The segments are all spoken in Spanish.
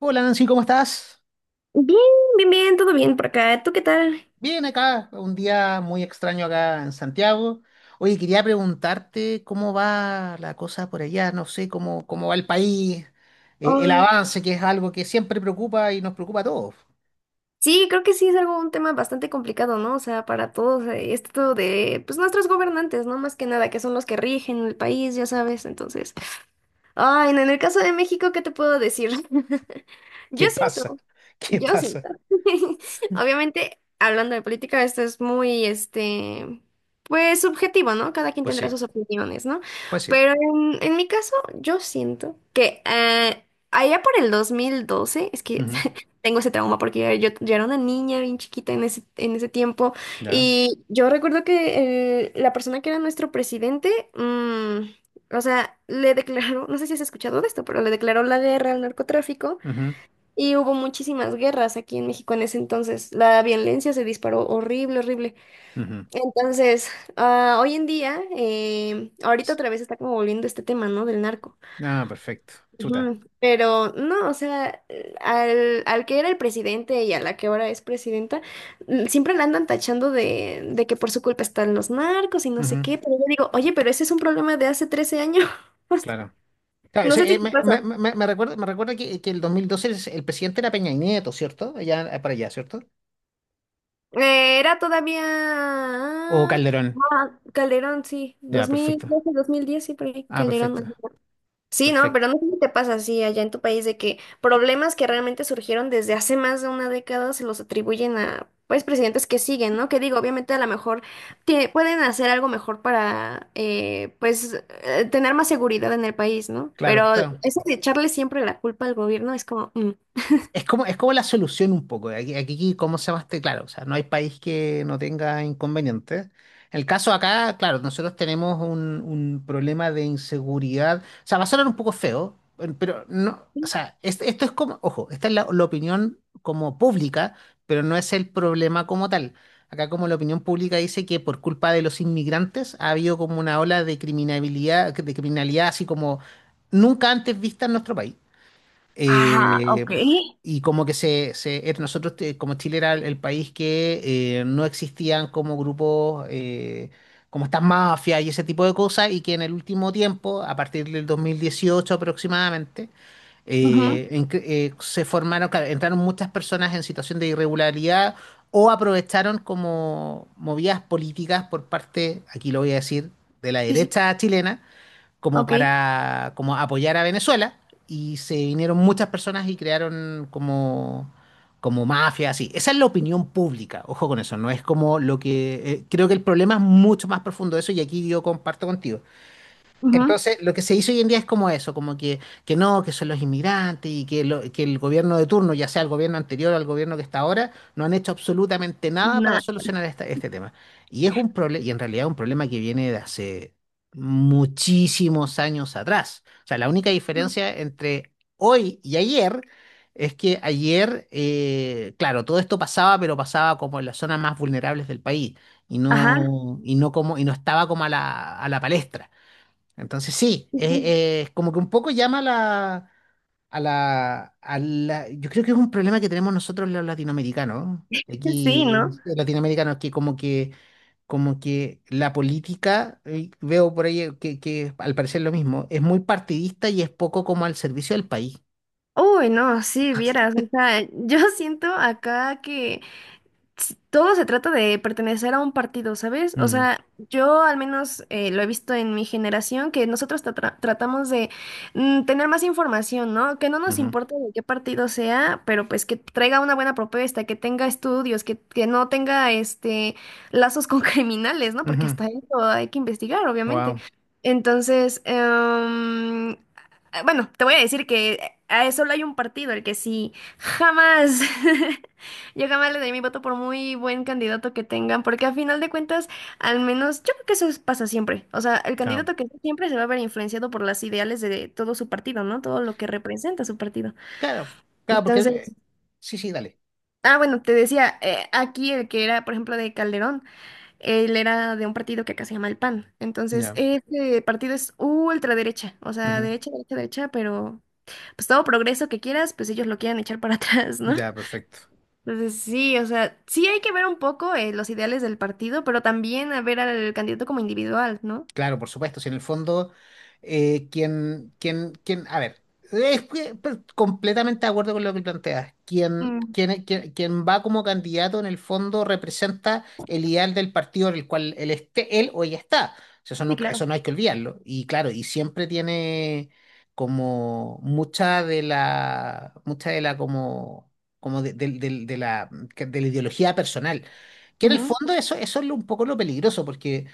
Hola Nancy, ¿cómo estás? Bien, bien, bien, todo bien por acá. ¿Tú qué tal? Bien acá, un día muy extraño acá en Santiago. Oye, quería preguntarte cómo va la cosa por allá, no sé, cómo va el país, el Ay, avance, que es algo que siempre preocupa y nos preocupa a todos. sí, creo que sí es algo un tema bastante complicado, ¿no? O sea, para todos, esto de, pues nuestros gobernantes, ¿no? Más que nada, que son los que rigen el país, ya sabes. Entonces, ay, no, en el caso de México, ¿qué te puedo decir? Yo ¿Qué pasa? siento, ¿Qué yo pasa? siento. Obviamente, hablando de política, esto es muy, pues subjetivo, ¿no? Cada quien Pues tendrá sí, sus opiniones, ¿no? pues sí. Pero en mi caso, yo siento que allá por el 2012 es que Ujú, tengo ese trauma porque yo era una niña bien chiquita en ese tiempo ya, y yo recuerdo que la persona que era nuestro presidente, mm, o sea, le declaró, no sé si has escuchado de esto, pero le declaró la guerra al narcotráfico ujú, y hubo muchísimas guerras aquí en México en ese entonces. La violencia se disparó horrible, horrible. ujú. Entonces, hoy en día, ahorita S- otra vez está como volviendo este tema, ¿no? Del narco. Ah, perfecto. Chuta. Ujú. Pero no, o sea, al que era el presidente y a la que ahora es presidenta, mm, siempre la andan tachando de que por su culpa están los narcos y no Ujú, sé qué, pero yo digo, oye, pero ese es un problema de hace 13 años. claro. Claro, No sí, sé eh, si te me, pasa. me, me, me recuerda, me recuerda que el 2012 el presidente era Peña Nieto, ¿cierto? Allá, para allá, ¿cierto? Era todavía O Calderón. Calderón, sí, Ya, dos mil perfecto. doce, dos mil diez sí, por ahí, Ah, Calderón. perfecto. Ajá. Sí, no, Perfecto. pero no sé si te pasa así allá en tu país de que problemas que realmente surgieron desde hace más de una década se los atribuyen a, pues, presidentes que siguen, ¿no? Que digo, obviamente a lo mejor pueden hacer algo mejor para, pues, tener más seguridad en el país, ¿no? Claro, Pero claro. eso de echarle siempre la culpa al gobierno es como, mm, Es como la solución un poco. Aquí, aquí, ¿cómo se llama este? Claro, o sea, no hay país que no tenga inconvenientes. En el caso acá, claro, nosotros tenemos un problema de inseguridad. O sea, va a sonar un poco feo, pero no, o sea, esto es como, ojo, esta es la opinión como pública, pero no es el problema como tal. Acá como la opinión pública dice que por culpa de los inmigrantes ha habido como una ola de criminalidad así como nunca antes vista en nuestro país. ah, Eh, ok. y como que nosotros, como Chile era el país que no existían como grupos, como estas mafias y ese tipo de cosas, y que en el último tiempo, a partir del 2018 aproximadamente, Ujú, se formaron, claro, entraron muchas personas en situación de irregularidad o aprovecharon como movidas políticas por parte, aquí lo voy a decir, de la sí, sí, derecha chilena como ok, para como apoyar a Venezuela y se vinieron muchas personas y crearon como mafia, así. Esa es la opinión pública, ojo con eso, no es como lo que... creo que el problema es mucho más profundo de eso y aquí yo comparto contigo. ujú, Entonces, lo que se hizo hoy en día es como eso, que no, que son los inmigrantes y que, que el gobierno de turno, ya sea el gobierno anterior o el gobierno que está ahora, no han hecho absolutamente nada para solucionar este tema. Y es un problema, y en realidad es un problema que viene de hace muchísimos años atrás. O sea, la única diferencia entre hoy y ayer es que ayer, claro, todo esto pasaba, pero pasaba como en las zonas más vulnerables del país ajá. Y no como, y no estaba como a la palestra. Entonces sí, Ujú. es como que un poco llama a la. Yo creo que es un problema que tenemos nosotros los latinoamericanos. Sí, Aquí, ¿no? Latinoamericanos, que como que, como que la política, veo por ahí que al parecer lo mismo, es muy partidista y es poco como al servicio del país. Uy, no, sí, vieras, o sea, yo siento acá que todo se trata de pertenecer a un partido, ¿sabes? O Mm, sea, yo al menos lo he visto en mi generación, que nosotros tratamos de tener más información, ¿no? Que no nos ujú, importa de qué partido sea, pero pues que traiga una buena propuesta, que tenga estudios, que no tenga este lazos con criminales, ¿no? Porque ujú. hasta eso hay que investigar, obviamente. Wow, Entonces, bueno, te voy a decir que solo hay un partido, el que sí jamás yo jamás le doy mi voto por muy buen candidato que tengan, porque a final de cuentas, al menos yo creo que pasa siempre. O sea, el claro, candidato que siempre se va a ver influenciado por las ideales de todo su partido, ¿no? Todo lo que representa su partido. claro, claro, porque... Entonces, sí, sí, dale, bueno, te decía, aquí el que era, por ejemplo, de Calderón, él era de un partido que acá se llama el PAN. Entonces, ya, este partido es ultraderecha, o sea, ujú, derecha, derecha, derecha, pero pues todo progreso que quieras, pues ellos lo quieren echar para atrás, ¿no? ya, perfecto. Entonces, sí, o sea, sí hay que ver un poco los ideales del partido, pero también a ver al candidato como individual, ¿no? Claro, por supuesto, si en el fondo, a ver, es que, completamente de acuerdo con lo que planteas. Quien, Mm, quien, quien, quien va como candidato en el fondo representa el ideal del partido en el cual él esté, él o ella está. O sea, eso sí, no, claro. eso no hay que olvidarlo. Y claro, y siempre tiene como mucha de mucha de la como, como de, del- del- de la ideología personal. Que en el Ujú, fondo eso, eso es un poco lo peligroso, porque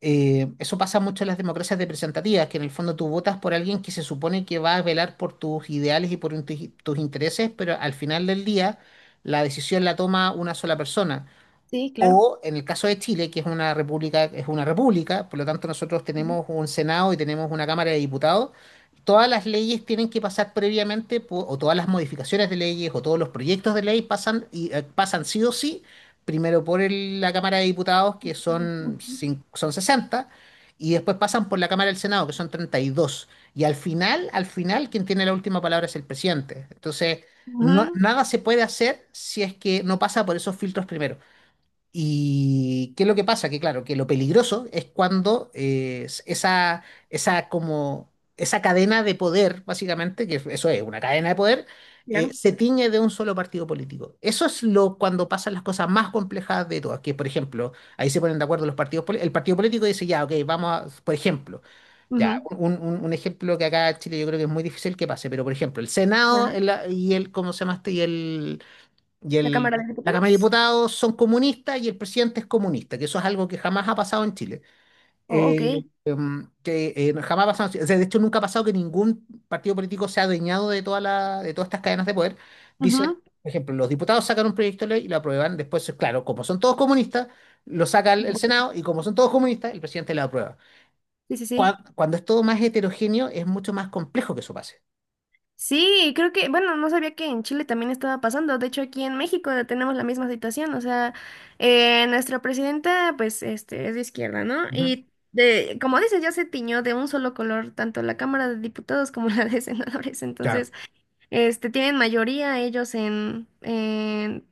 eso pasa mucho en las democracias representativas, que en el fondo tú votas por alguien que se supone que va a velar por tus ideales y por tus intereses, pero al final del día la decisión la toma una sola persona. sí, claro. O en el caso de Chile, que es una república, por lo tanto nosotros Ujú. tenemos un Senado y tenemos una Cámara de Diputados, todas las leyes tienen que pasar previamente, o todas las modificaciones de leyes, o todos los proyectos de ley pasan, pasan sí o sí, primero por la Cámara de Diputados, que Ujú, son, son 60 y después pasan por la Cámara del Senado, que son 32. Y dos. Y al final, quien tiene la última palabra es el presidente. Entonces, ujú, nada se puede hacer si es que no pasa por esos filtros primero. ¿Y qué es lo que pasa? Que claro, que lo peligroso es cuando como, esa cadena de poder, básicamente, que eso es una cadena de poder, claro. se tiñe de un solo partido político. Eso es lo cuando pasan las cosas más complejas de todas, que por ejemplo, ahí se ponen de acuerdo los partidos, el partido político dice, ya, ok, vamos a, por ejemplo, ya, Ujú. Un ejemplo que acá en Chile yo creo que es muy difícil que pase, pero por ejemplo, el Senado Ajá. Y el, ¿cómo se llama este? Y La Cámara de el, la Cámara de Diputados. Diputados son comunistas y el presidente es comunista, que eso es algo que jamás ha pasado en Chile. Oh, ok. Eh, que no, jamás ha pasado, en Chile. O sea, de hecho nunca ha pasado que ningún partido político se ha adueñado de, toda la, de todas estas cadenas de poder. Dice, Ujú. por ejemplo, los diputados sacan un proyecto de ley y lo aprueban, después, claro, como son todos comunistas, lo saca el Senado y como son todos comunistas, el presidente lo aprueba. Sí, sí, sí. Cuando, es todo más heterogéneo, es mucho más complejo que eso pase. Sí, creo que, bueno, no sabía que en Chile también estaba pasando. De hecho, aquí en México tenemos la misma situación. O sea, nuestra presidenta, pues, es de izquierda, ¿no? Ujú. Y de, como dices, ya se tiñó de un solo color, tanto la Cámara de Diputados como la de Senadores. Claro. Entonces, tienen mayoría ellos en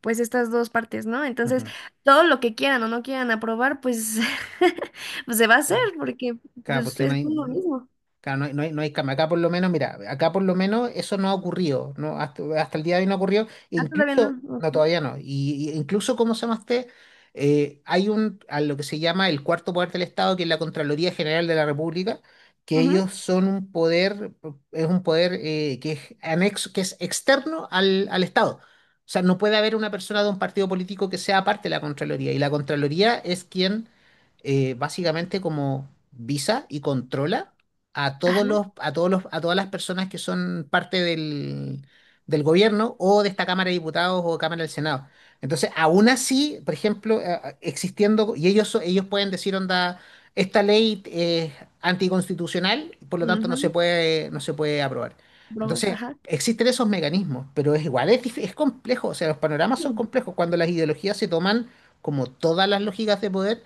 pues, estas dos partes, ¿no? Entonces, Ujú. todo lo que quieran o no quieran aprobar, pues, pues se va a hacer, Claro, porque claro, pues, porque no es hay. lo mismo. Claro, no hay cama. Acá por lo menos, mira, acá por lo menos eso no ha ocurrido, ¿no? Hasta, hasta el día de hoy no ha ocurrido. E Ah, todavía incluso, no. no, Ujú. todavía no. Y incluso, ¿cómo se llama este? A lo que se llama el cuarto poder del Estado, que es la Contraloría General de la República, que Ujú. ellos son un poder, es un poder que es anexo, que es externo al Estado. O sea, no puede haber una persona de un partido político que sea parte de la Contraloría. Y la Contraloría es quien básicamente como visa y controla a todos los, a todos los, a todas las personas que son parte del gobierno o de esta Cámara de Diputados o Cámara del Senado. Entonces, aún así, por ejemplo, existiendo, y ellos, ellos pueden decir, onda, esta ley es anticonstitucional, por lo tanto no se Ujú, puede, no se puede aprobar. broma, Entonces, ajá. existen esos mecanismos, pero es igual, es, es complejo, o sea, los panoramas son Sí, complejos cuando las ideologías se toman como todas las lógicas de poder,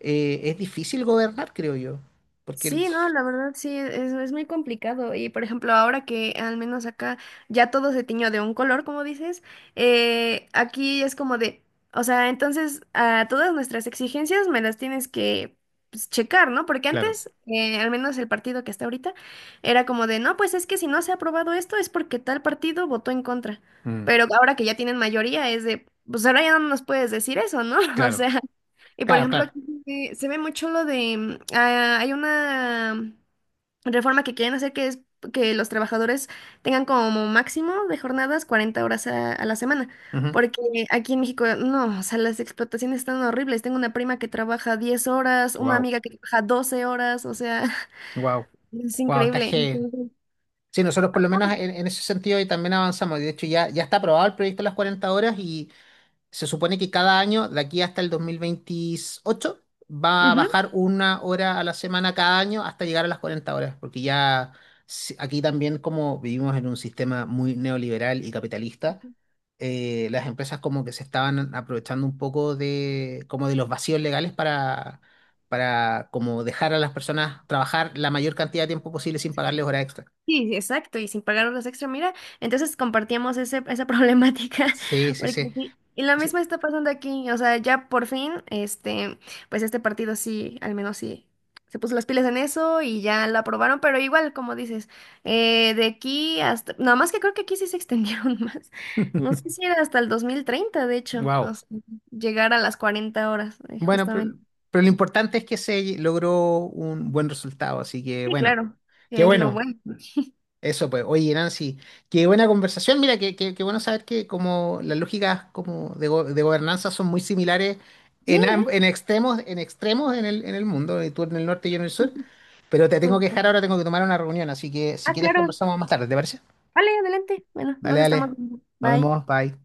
es difícil gobernar, creo yo, porque sí, no, la verdad sí, es muy complicado. Y por ejemplo, ahora que al menos acá ya todo se tiñó de un color, como dices, aquí es como de, o sea, entonces a todas nuestras exigencias me las tienes que pues, checar, ¿no? Porque claro, antes, al menos el partido que está ahorita, era como de, no, pues es que si no se ha aprobado esto es porque tal partido votó en contra. mm, Pero ahora que ya tienen mayoría es de, pues ahora ya no nos puedes decir eso, ¿no? O claro, sea. Y por claro, ejemplo, claro. aquí se ve mucho lo de, mm, ah, hay una reforma que quieren hacer que es que los trabajadores tengan como máximo de jornadas 40 horas a la semana, porque aquí en México, no, o sea, las explotaciones están horribles. Tengo una prima que trabaja 10 horas, una Wow, amiga que trabaja 12 horas, o sea, wow, es wow, está increíble. heavy. Entonces, Sí, nosotros por lo menos en ese sentido y también avanzamos. De hecho, ya, ya está aprobado el proyecto de las 40 horas y, se supone que cada año, de aquí hasta el 2028, va a ujú. bajar una hora a la semana cada año hasta llegar a las 40 horas, porque ya aquí también como vivimos en un sistema muy neoliberal y capitalista, las empresas como que se estaban aprovechando un poco de como de los vacíos legales para como dejar a las personas trabajar la mayor cantidad de tiempo posible sin pagarles hora extra. Sí, sí, exacto, y sin pagar horas extra, mira, entonces compartíamos ese, esa problemática, Sí, sí, porque sí. sí, y la misma está pasando aquí, o sea, ya por fin, pues este partido sí, al menos sí, se puso las pilas en eso y ya lo aprobaron, pero igual, como dices, de aquí hasta, nada más que creo que aquí sí se extendieron más, no sé si era hasta el 2030 de hecho, o Wow. sea, llegar a las 40 horas, Bueno, justamente. pero lo importante es que se logró un buen resultado, así que Sí, bueno, claro, qué que es lo bueno. bueno. Eso pues, oye Nancy, qué buena conversación, mira, qué, qué bueno saber que como las lógicas como de, de gobernanza son muy similares Sí, en, ¿eh? En extremos, en extremos en el mundo, y tú en el norte y yo en el sur, pero te tengo que dejar ahora, tengo que tomar una reunión, así que si Ah, quieres claro. conversamos más tarde, ¿te parece? Vale, adelante. Bueno, Dale, nos estamos dale, viendo. nos Bye. vemos, bye.